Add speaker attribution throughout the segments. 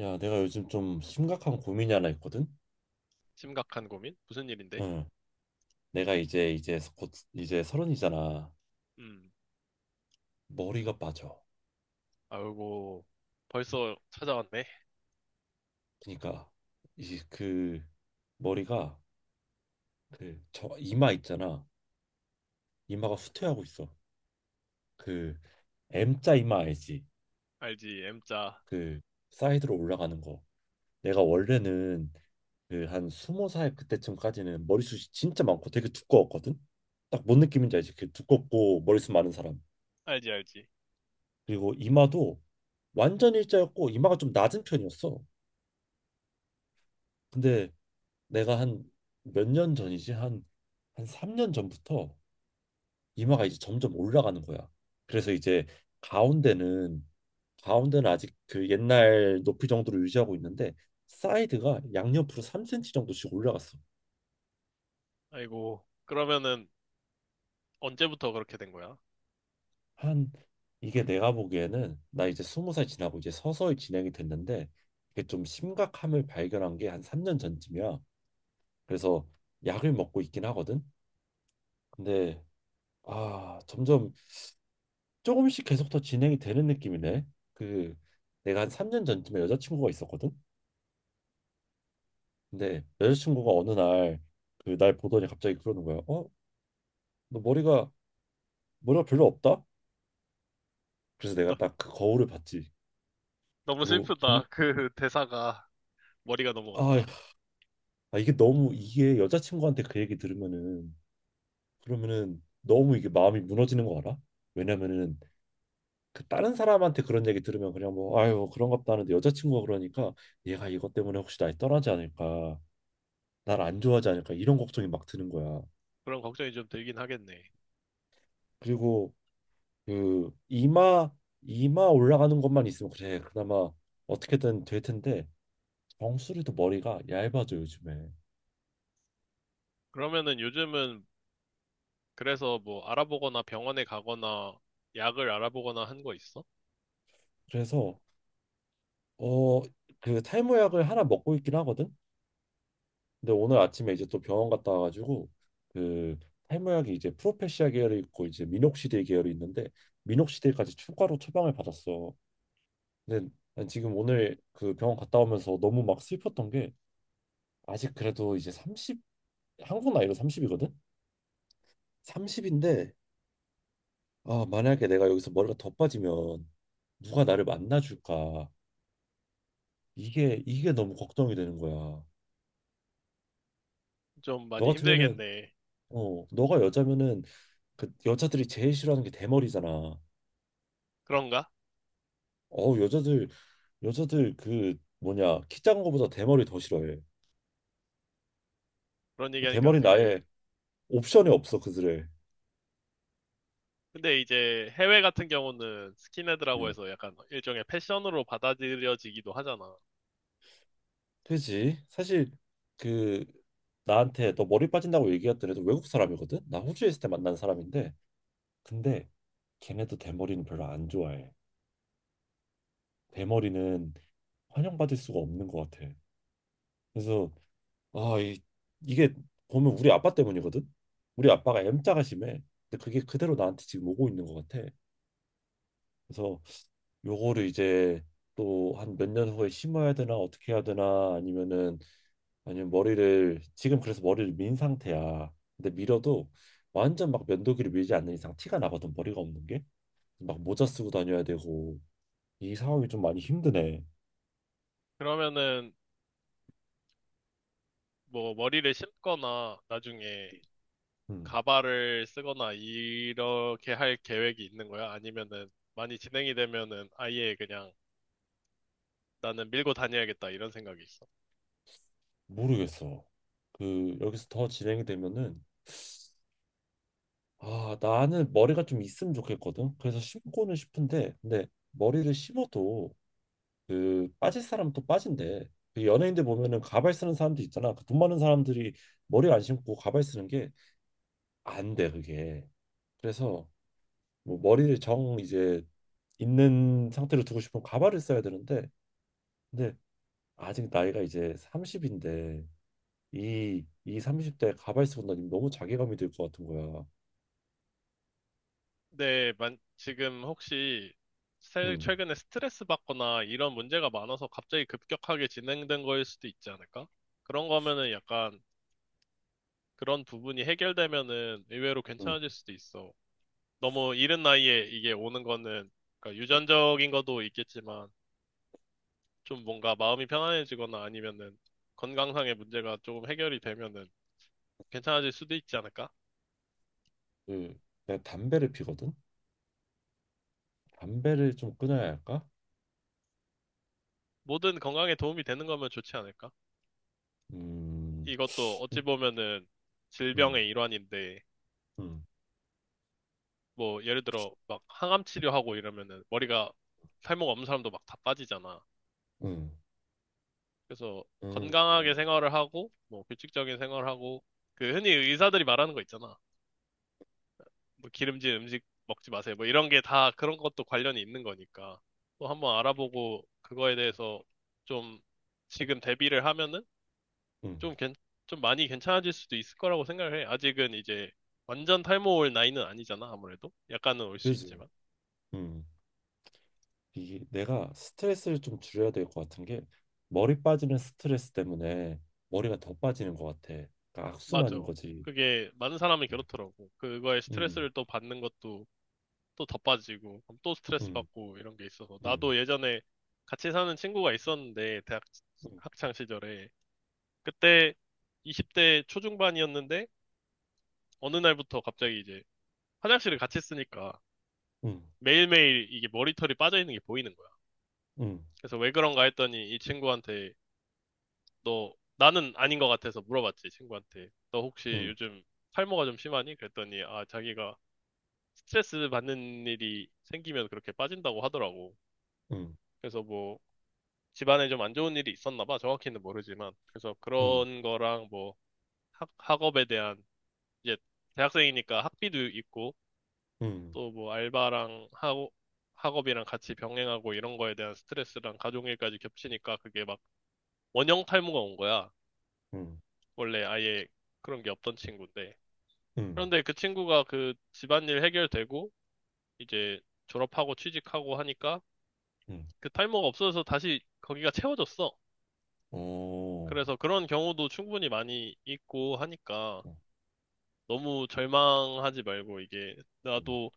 Speaker 1: 야, 내가 요즘 좀 심각한 고민이 하나 있거든.
Speaker 2: 심각한 고민? 무슨 일인데?
Speaker 1: 응. 내가 이제 곧 이제 서른이잖아.
Speaker 2: 음,
Speaker 1: 머리가 빠져.
Speaker 2: 아이고, 벌써 찾아왔네.
Speaker 1: 그러니까 이 그 머리가 그 저 이마 있잖아. 이마가 후퇴하고 있어. 그 M자 이마 알지?
Speaker 2: 알지, M자.
Speaker 1: 그 사이드로 올라가는 거. 내가 원래는 그 한 20살 그때쯤까지는 머리숱이 진짜 많고 되게 두꺼웠거든. 딱 뭔 느낌인지 알지? 그 두껍고 머리숱 많은 사람.
Speaker 2: 알지, 알지.
Speaker 1: 그리고 이마도 완전 일자였고 이마가 좀 낮은 편이었어. 근데 내가 한 몇 년 전이지 한 3년 전부터 이마가 이제 점점 올라가는 거야. 그래서 이제 가운데는 가운데는 아직 그 옛날 높이 정도로 유지하고 있는데 사이드가 양옆으로 3cm 정도씩 올라갔어.
Speaker 2: 아이고, 그러면은 언제부터 그렇게 된 거야?
Speaker 1: 한 이게 내가 보기에는 나 이제 20살 지나고 이제 서서히 진행이 됐는데 이게 좀 심각함을 발견한 게 한 3년 전쯤이야. 그래서 약을 먹고 있긴 하거든. 근데 아, 점점 조금씩 계속 더 진행이 되는 느낌이네. 그 내가 한 3년 전쯤에 여자친구가 있었거든. 근데 여자친구가 어느 날 그 날 보더니 갑자기 그러는 거야. 어? 너 머리가 별로 없다? 그래서
Speaker 2: 너,
Speaker 1: 내가 딱 그 거울을 봤지.
Speaker 2: 너무
Speaker 1: 그거
Speaker 2: 슬프다.
Speaker 1: 보니
Speaker 2: 그 대사가 머리가 너무
Speaker 1: 아,
Speaker 2: 없다.
Speaker 1: 아, 이게 너무 이게 여자친구한테 그 얘기 들으면은 그러면은 너무 이게 마음이 무너지는 거 알아? 왜냐면은 그 다른 사람한테 그런 얘기 들으면 그냥 뭐 아유 그런 것도 하는데 여자친구가 그러니까 얘가 이것 때문에 혹시 날 떠나지 않을까 날 안 좋아하지 않을까 이런 걱정이 막 드는 거야.
Speaker 2: 그런 걱정이 좀 들긴 하겠네.
Speaker 1: 그리고 그 이마 올라가는 것만 있으면 그래 그나마 어떻게든 될 텐데 정수리도 머리가 얇아져 요즘에.
Speaker 2: 그러면은 요즘은 그래서 뭐 알아보거나 병원에 가거나 약을 알아보거나 한 거 있어?
Speaker 1: 그래서 어 그 탈모약을 하나 먹고 있긴 하거든. 근데 오늘 아침에 이제 또 병원 갔다 와가지고 그 탈모약이 이제 프로페시아 계열이 있고 이제 미녹시딜 계열이 있는데 미녹시딜까지 추가로 처방을 받았어. 근데 난 지금 오늘 그 병원 갔다 오면서 너무 막 슬펐던 게 아직 그래도 이제 30, 한국 나이로 30이거든. 30인데 아 만약에 내가 여기서 머리가 더 빠지면 누가 나를 만나줄까 이게 너무 걱정이 되는 거야.
Speaker 2: 좀
Speaker 1: 너
Speaker 2: 많이
Speaker 1: 같으면은
Speaker 2: 힘들겠네.
Speaker 1: 너가 여자면은 그 여자들이 제일 싫어하는 게 대머리잖아.
Speaker 2: 그런가?
Speaker 1: 어 여자들 여자들 그 뭐냐 키 작은 거보다 대머리 더 싫어해.
Speaker 2: 그런
Speaker 1: 그
Speaker 2: 얘기하니까
Speaker 1: 대머리는
Speaker 2: 되게
Speaker 1: 아예 옵션이 없어 그들의.
Speaker 2: 근데 이제 해외 같은 경우는 스킨헤드라고
Speaker 1: 음.
Speaker 2: 해서 약간 일종의 패션으로 받아들여지기도 하잖아.
Speaker 1: 그지? 사실 그 나한테 너 머리 빠진다고 얘기했던 애도 외국 사람이거든. 나 호주에 있을 때 만난 사람인데 근데 걔네도 대머리는 별로 안 좋아해. 대머리는 환영받을 수가 없는 것 같아. 그래서 아 이, 이게 보면 우리 아빠 때문이거든. 우리 아빠가 M자가 심해. 근데 그게 그대로 나한테 지금 오고 있는 것 같아. 그래서 요거를 이제 또 한 몇 년 후에 심어야 되나 어떻게 해야 되나, 아니면은 아니면 머리를 지금, 그래서 머리를 민 상태야. 근데 밀어도 완전 막 면도기를 밀지 않는 이상 티가 나거든 머리가 없는 게. 막 모자 쓰고 다녀야 되고 이 상황이 좀 많이 힘드네.
Speaker 2: 그러면은 뭐 머리를 심거나 나중에
Speaker 1: 음,
Speaker 2: 가발을 쓰거나 이렇게 할 계획이 있는 거야? 아니면은 많이 진행이 되면은 아예 그냥 나는 밀고 다녀야겠다 이런 생각이 있어.
Speaker 1: 모르겠어. 그 여기서 더 진행이 되면은 아 나는 머리가 좀 있으면 좋겠거든. 그래서 심고는 싶은데 근데 머리를 심어도 그 빠질 사람은 또 빠진대. 그 연예인들 보면은 가발 쓰는 사람도 있잖아. 그 돈 많은 사람들이 머리 안 심고 가발 쓰는 게 안 돼, 그게. 그래서 뭐 머리를 정 이제 있는 상태로 두고 싶으면 가발을 써야 되는데 근데 아직 나이가 이제 30인데 이 30대에 가발 쓰고 다니면 너무 자괴감이 들 것 같은 거야.
Speaker 2: 근데 지금 혹시
Speaker 1: 음.
Speaker 2: 최근에 스트레스 받거나 이런 문제가 많아서 갑자기 급격하게 진행된 거일 수도 있지 않을까? 그런 거면은 약간 그런 부분이 해결되면은 의외로
Speaker 1: 응,
Speaker 2: 괜찮아질 수도 있어. 너무 이른 나이에 이게 오는 거는 그러니까
Speaker 1: 응.
Speaker 2: 유전적인 것도 있겠지만 좀 뭔가 마음이 편안해지거나 아니면은 건강상의 문제가 조금 해결이 되면은 괜찮아질 수도 있지 않을까?
Speaker 1: 그 내가 담배를 피거든. 담배를 좀 끊어야 할까?
Speaker 2: 모든 건강에 도움이 되는 거면 좋지 않을까?
Speaker 1: 음.
Speaker 2: 이것도 어찌
Speaker 1: 음.
Speaker 2: 보면은
Speaker 1: 음.
Speaker 2: 질병의 일환인데
Speaker 1: 음.
Speaker 2: 뭐 예를 들어 막 항암 치료하고 이러면은 머리가 살모가 없는 사람도 막 다 빠지잖아. 그래서
Speaker 1: 음.
Speaker 2: 건강하게
Speaker 1: 음.
Speaker 2: 생활을 하고, 뭐 규칙적인 생활하고, 그 흔히 의사들이 말하는 거 있잖아. 뭐 기름진 음식 먹지 마세요. 뭐 이런 게 다 그런 것도 관련이 있는 거니까. 또 한번 알아보고 그거에 대해서 좀 지금 대비를 하면은
Speaker 1: 응,
Speaker 2: 좀 괜, 좀 많이 괜찮아질 수도 있을 거라고 생각을 해. 아직은 이제 완전 탈모 올 나이는 아니잖아, 아무래도. 약간은 올 수
Speaker 1: 그지.
Speaker 2: 있지만.
Speaker 1: 음, 이 내가 스트레스를 좀 줄여야 될 것 같은 게 머리 빠지는 스트레스 때문에 머리가 더 빠지는 것 같아. 그러니까
Speaker 2: 맞아.
Speaker 1: 악순환인 거지.
Speaker 2: 그게 많은 사람이
Speaker 1: 응,
Speaker 2: 그렇더라고. 그거에
Speaker 1: 응,
Speaker 2: 스트레스를 또 받는 것도 또 더 빠지고, 그럼 또 스트레스
Speaker 1: 응,
Speaker 2: 받고 이런 게 있어서.
Speaker 1: 응,
Speaker 2: 나도 예전에 같이 사는 친구가 있었는데, 대학 학창 시절에. 그때 20대 초중반이었는데, 어느 날부터 갑자기 이제 화장실을 같이 쓰니까
Speaker 1: 응,
Speaker 2: 매일매일 이게 머리털이 빠져 있는 게 보이는 거야.
Speaker 1: 응,
Speaker 2: 그래서 왜 그런가 했더니 이 친구한테 너, 나는 아닌 것 같아서 물어봤지, 친구한테. 너
Speaker 1: 응,
Speaker 2: 혹시
Speaker 1: 응,
Speaker 2: 요즘 탈모가 좀 심하니? 그랬더니 아, 자기가 스트레스 받는 일이 생기면 그렇게 빠진다고 하더라고.
Speaker 1: 응,
Speaker 2: 그래서 뭐 집안에 좀 안 좋은 일이 있었나 봐. 정확히는 모르지만. 그래서
Speaker 1: 응,
Speaker 2: 그런 거랑 뭐 학업에 대한 이제 대학생이니까 학비도 있고
Speaker 1: 응,
Speaker 2: 또 뭐 알바랑 하고 학업이랑 같이 병행하고 이런 거에 대한 스트레스랑 가족일까지 겹치니까 그게 막 원형 탈모가 온 거야.
Speaker 1: 응,
Speaker 2: 원래 아예 그런 게 없던 친구인데.
Speaker 1: 응,
Speaker 2: 그런데 그 친구가 그 집안일 해결되고 이제 졸업하고 취직하고 하니까
Speaker 1: 응.
Speaker 2: 그 탈모가 없어져서 다시 거기가 채워졌어.
Speaker 1: 어,
Speaker 2: 그래서 그런 경우도 충분히 많이 있고 하니까
Speaker 1: 어,
Speaker 2: 너무 절망하지 말고 이게
Speaker 1: 음,
Speaker 2: 나도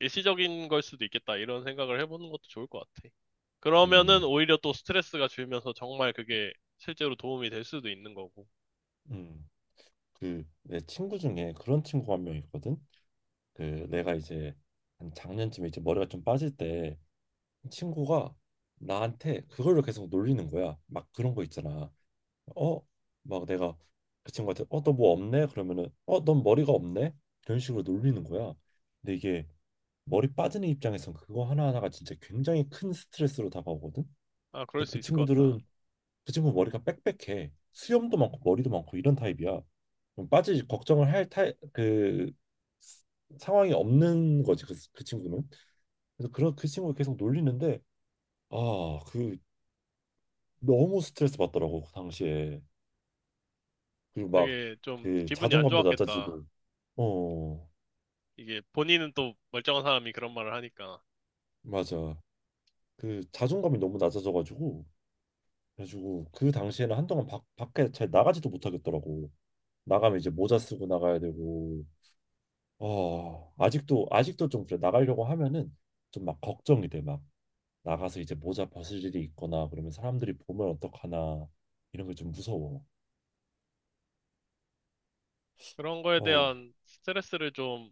Speaker 2: 일시적인 걸 수도 있겠다 이런 생각을 해보는 것도 좋을 것 같아. 그러면은
Speaker 1: 음,
Speaker 2: 오히려 또 스트레스가 줄면서 정말 그게 실제로 도움이 될 수도 있는 거고.
Speaker 1: 음. 그 내 친구 중에 그런 친구가 1명 있거든. 그 내가 이제 한 작년쯤에 이제 머리가 좀 빠질 때 친구가 나한테 그걸로 계속 놀리는 거야. 막 그런 거 있잖아. 어, 막 내가 그 친구한테 어, 너 뭐 없네? 그러면은 어, 넌 머리가 없네? 이런 식으로 놀리는 거야. 근데 이게 머리 빠지는 입장에선 그거 하나하나가 진짜 굉장히 큰 스트레스로 다가오거든.
Speaker 2: 아, 그럴
Speaker 1: 근데
Speaker 2: 수
Speaker 1: 그
Speaker 2: 있을 것 같다.
Speaker 1: 친구들은 그 친구 머리가 빽빽해. 수염도 많고 머리도 많고 이런 타입이야. 그럼 빠지지 걱정을 할 타입 그 상황이 없는 거지 그 친구는. 그래서 그런 그 친구가 계속 놀리는데 아, 그 너무 스트레스 받더라고 그 당시에. 그리고 막
Speaker 2: 되게 좀
Speaker 1: 그
Speaker 2: 기분이 안
Speaker 1: 자존감도
Speaker 2: 좋았겠다.
Speaker 1: 낮아지고 어
Speaker 2: 이게 본인은 또 멀쩡한 사람이 그런 말을 하니까.
Speaker 1: 맞아 그 자존감이 너무 낮아져가지고, 그래가지고 그 당시에는 한동안 밖 밖에 잘 나가지도 못하겠더라고. 나가면 이제 모자 쓰고 나가야 되고 어 아직도 좀 그래, 나가려고 하면은 좀 막 걱정이 돼. 막 나가서 이제 모자 벗을 일이 있거나 그러면 사람들이 보면 어떡하나 이런 게 좀 무서워.
Speaker 2: 그런 거에
Speaker 1: 어
Speaker 2: 대한 스트레스를 좀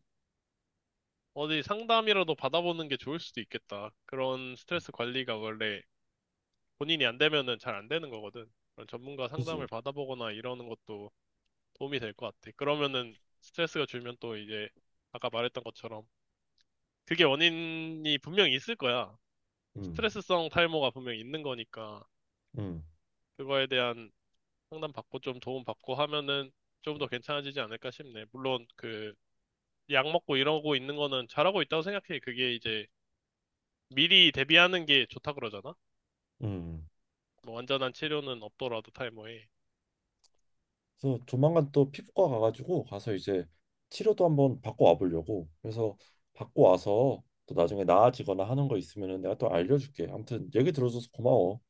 Speaker 2: 어디 상담이라도 받아보는 게 좋을 수도 있겠다. 그런 스트레스 관리가 원래 본인이 안 되면은 잘 안 되는 거거든. 그런 전문가 상담을
Speaker 1: 그지.
Speaker 2: 받아보거나 이러는 것도 도움이 될 것 같아. 그러면은 스트레스가 줄면 또 이제 아까 말했던 것처럼 그게 원인이 분명히 있을 거야.
Speaker 1: 음
Speaker 2: 스트레스성 탈모가 분명히 있는 거니까
Speaker 1: 음,
Speaker 2: 그거에 대한 상담 받고 좀 도움 받고 하면은 좀
Speaker 1: 음.
Speaker 2: 더 괜찮아지지 않을까 싶네. 물론 그 약 먹고 이러고 있는 거는 잘하고 있다고 생각해. 그게 이제 미리 대비하는 게 좋다 그러잖아.
Speaker 1: 음.
Speaker 2: 뭐 완전한 치료는 없더라도 탈모에.
Speaker 1: 그래서 조만간 또 피부과 가가지고 가서 이제 치료도 한번 받고 와보려고. 그래서 받고 와서 또 나중에 나아지거나 하는 거 있으면은 내가 또 알려줄게. 아무튼 얘기 들어줘서 고마워.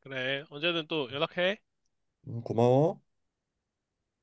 Speaker 2: 그래, 언제든 또 연락해.
Speaker 1: 고마워.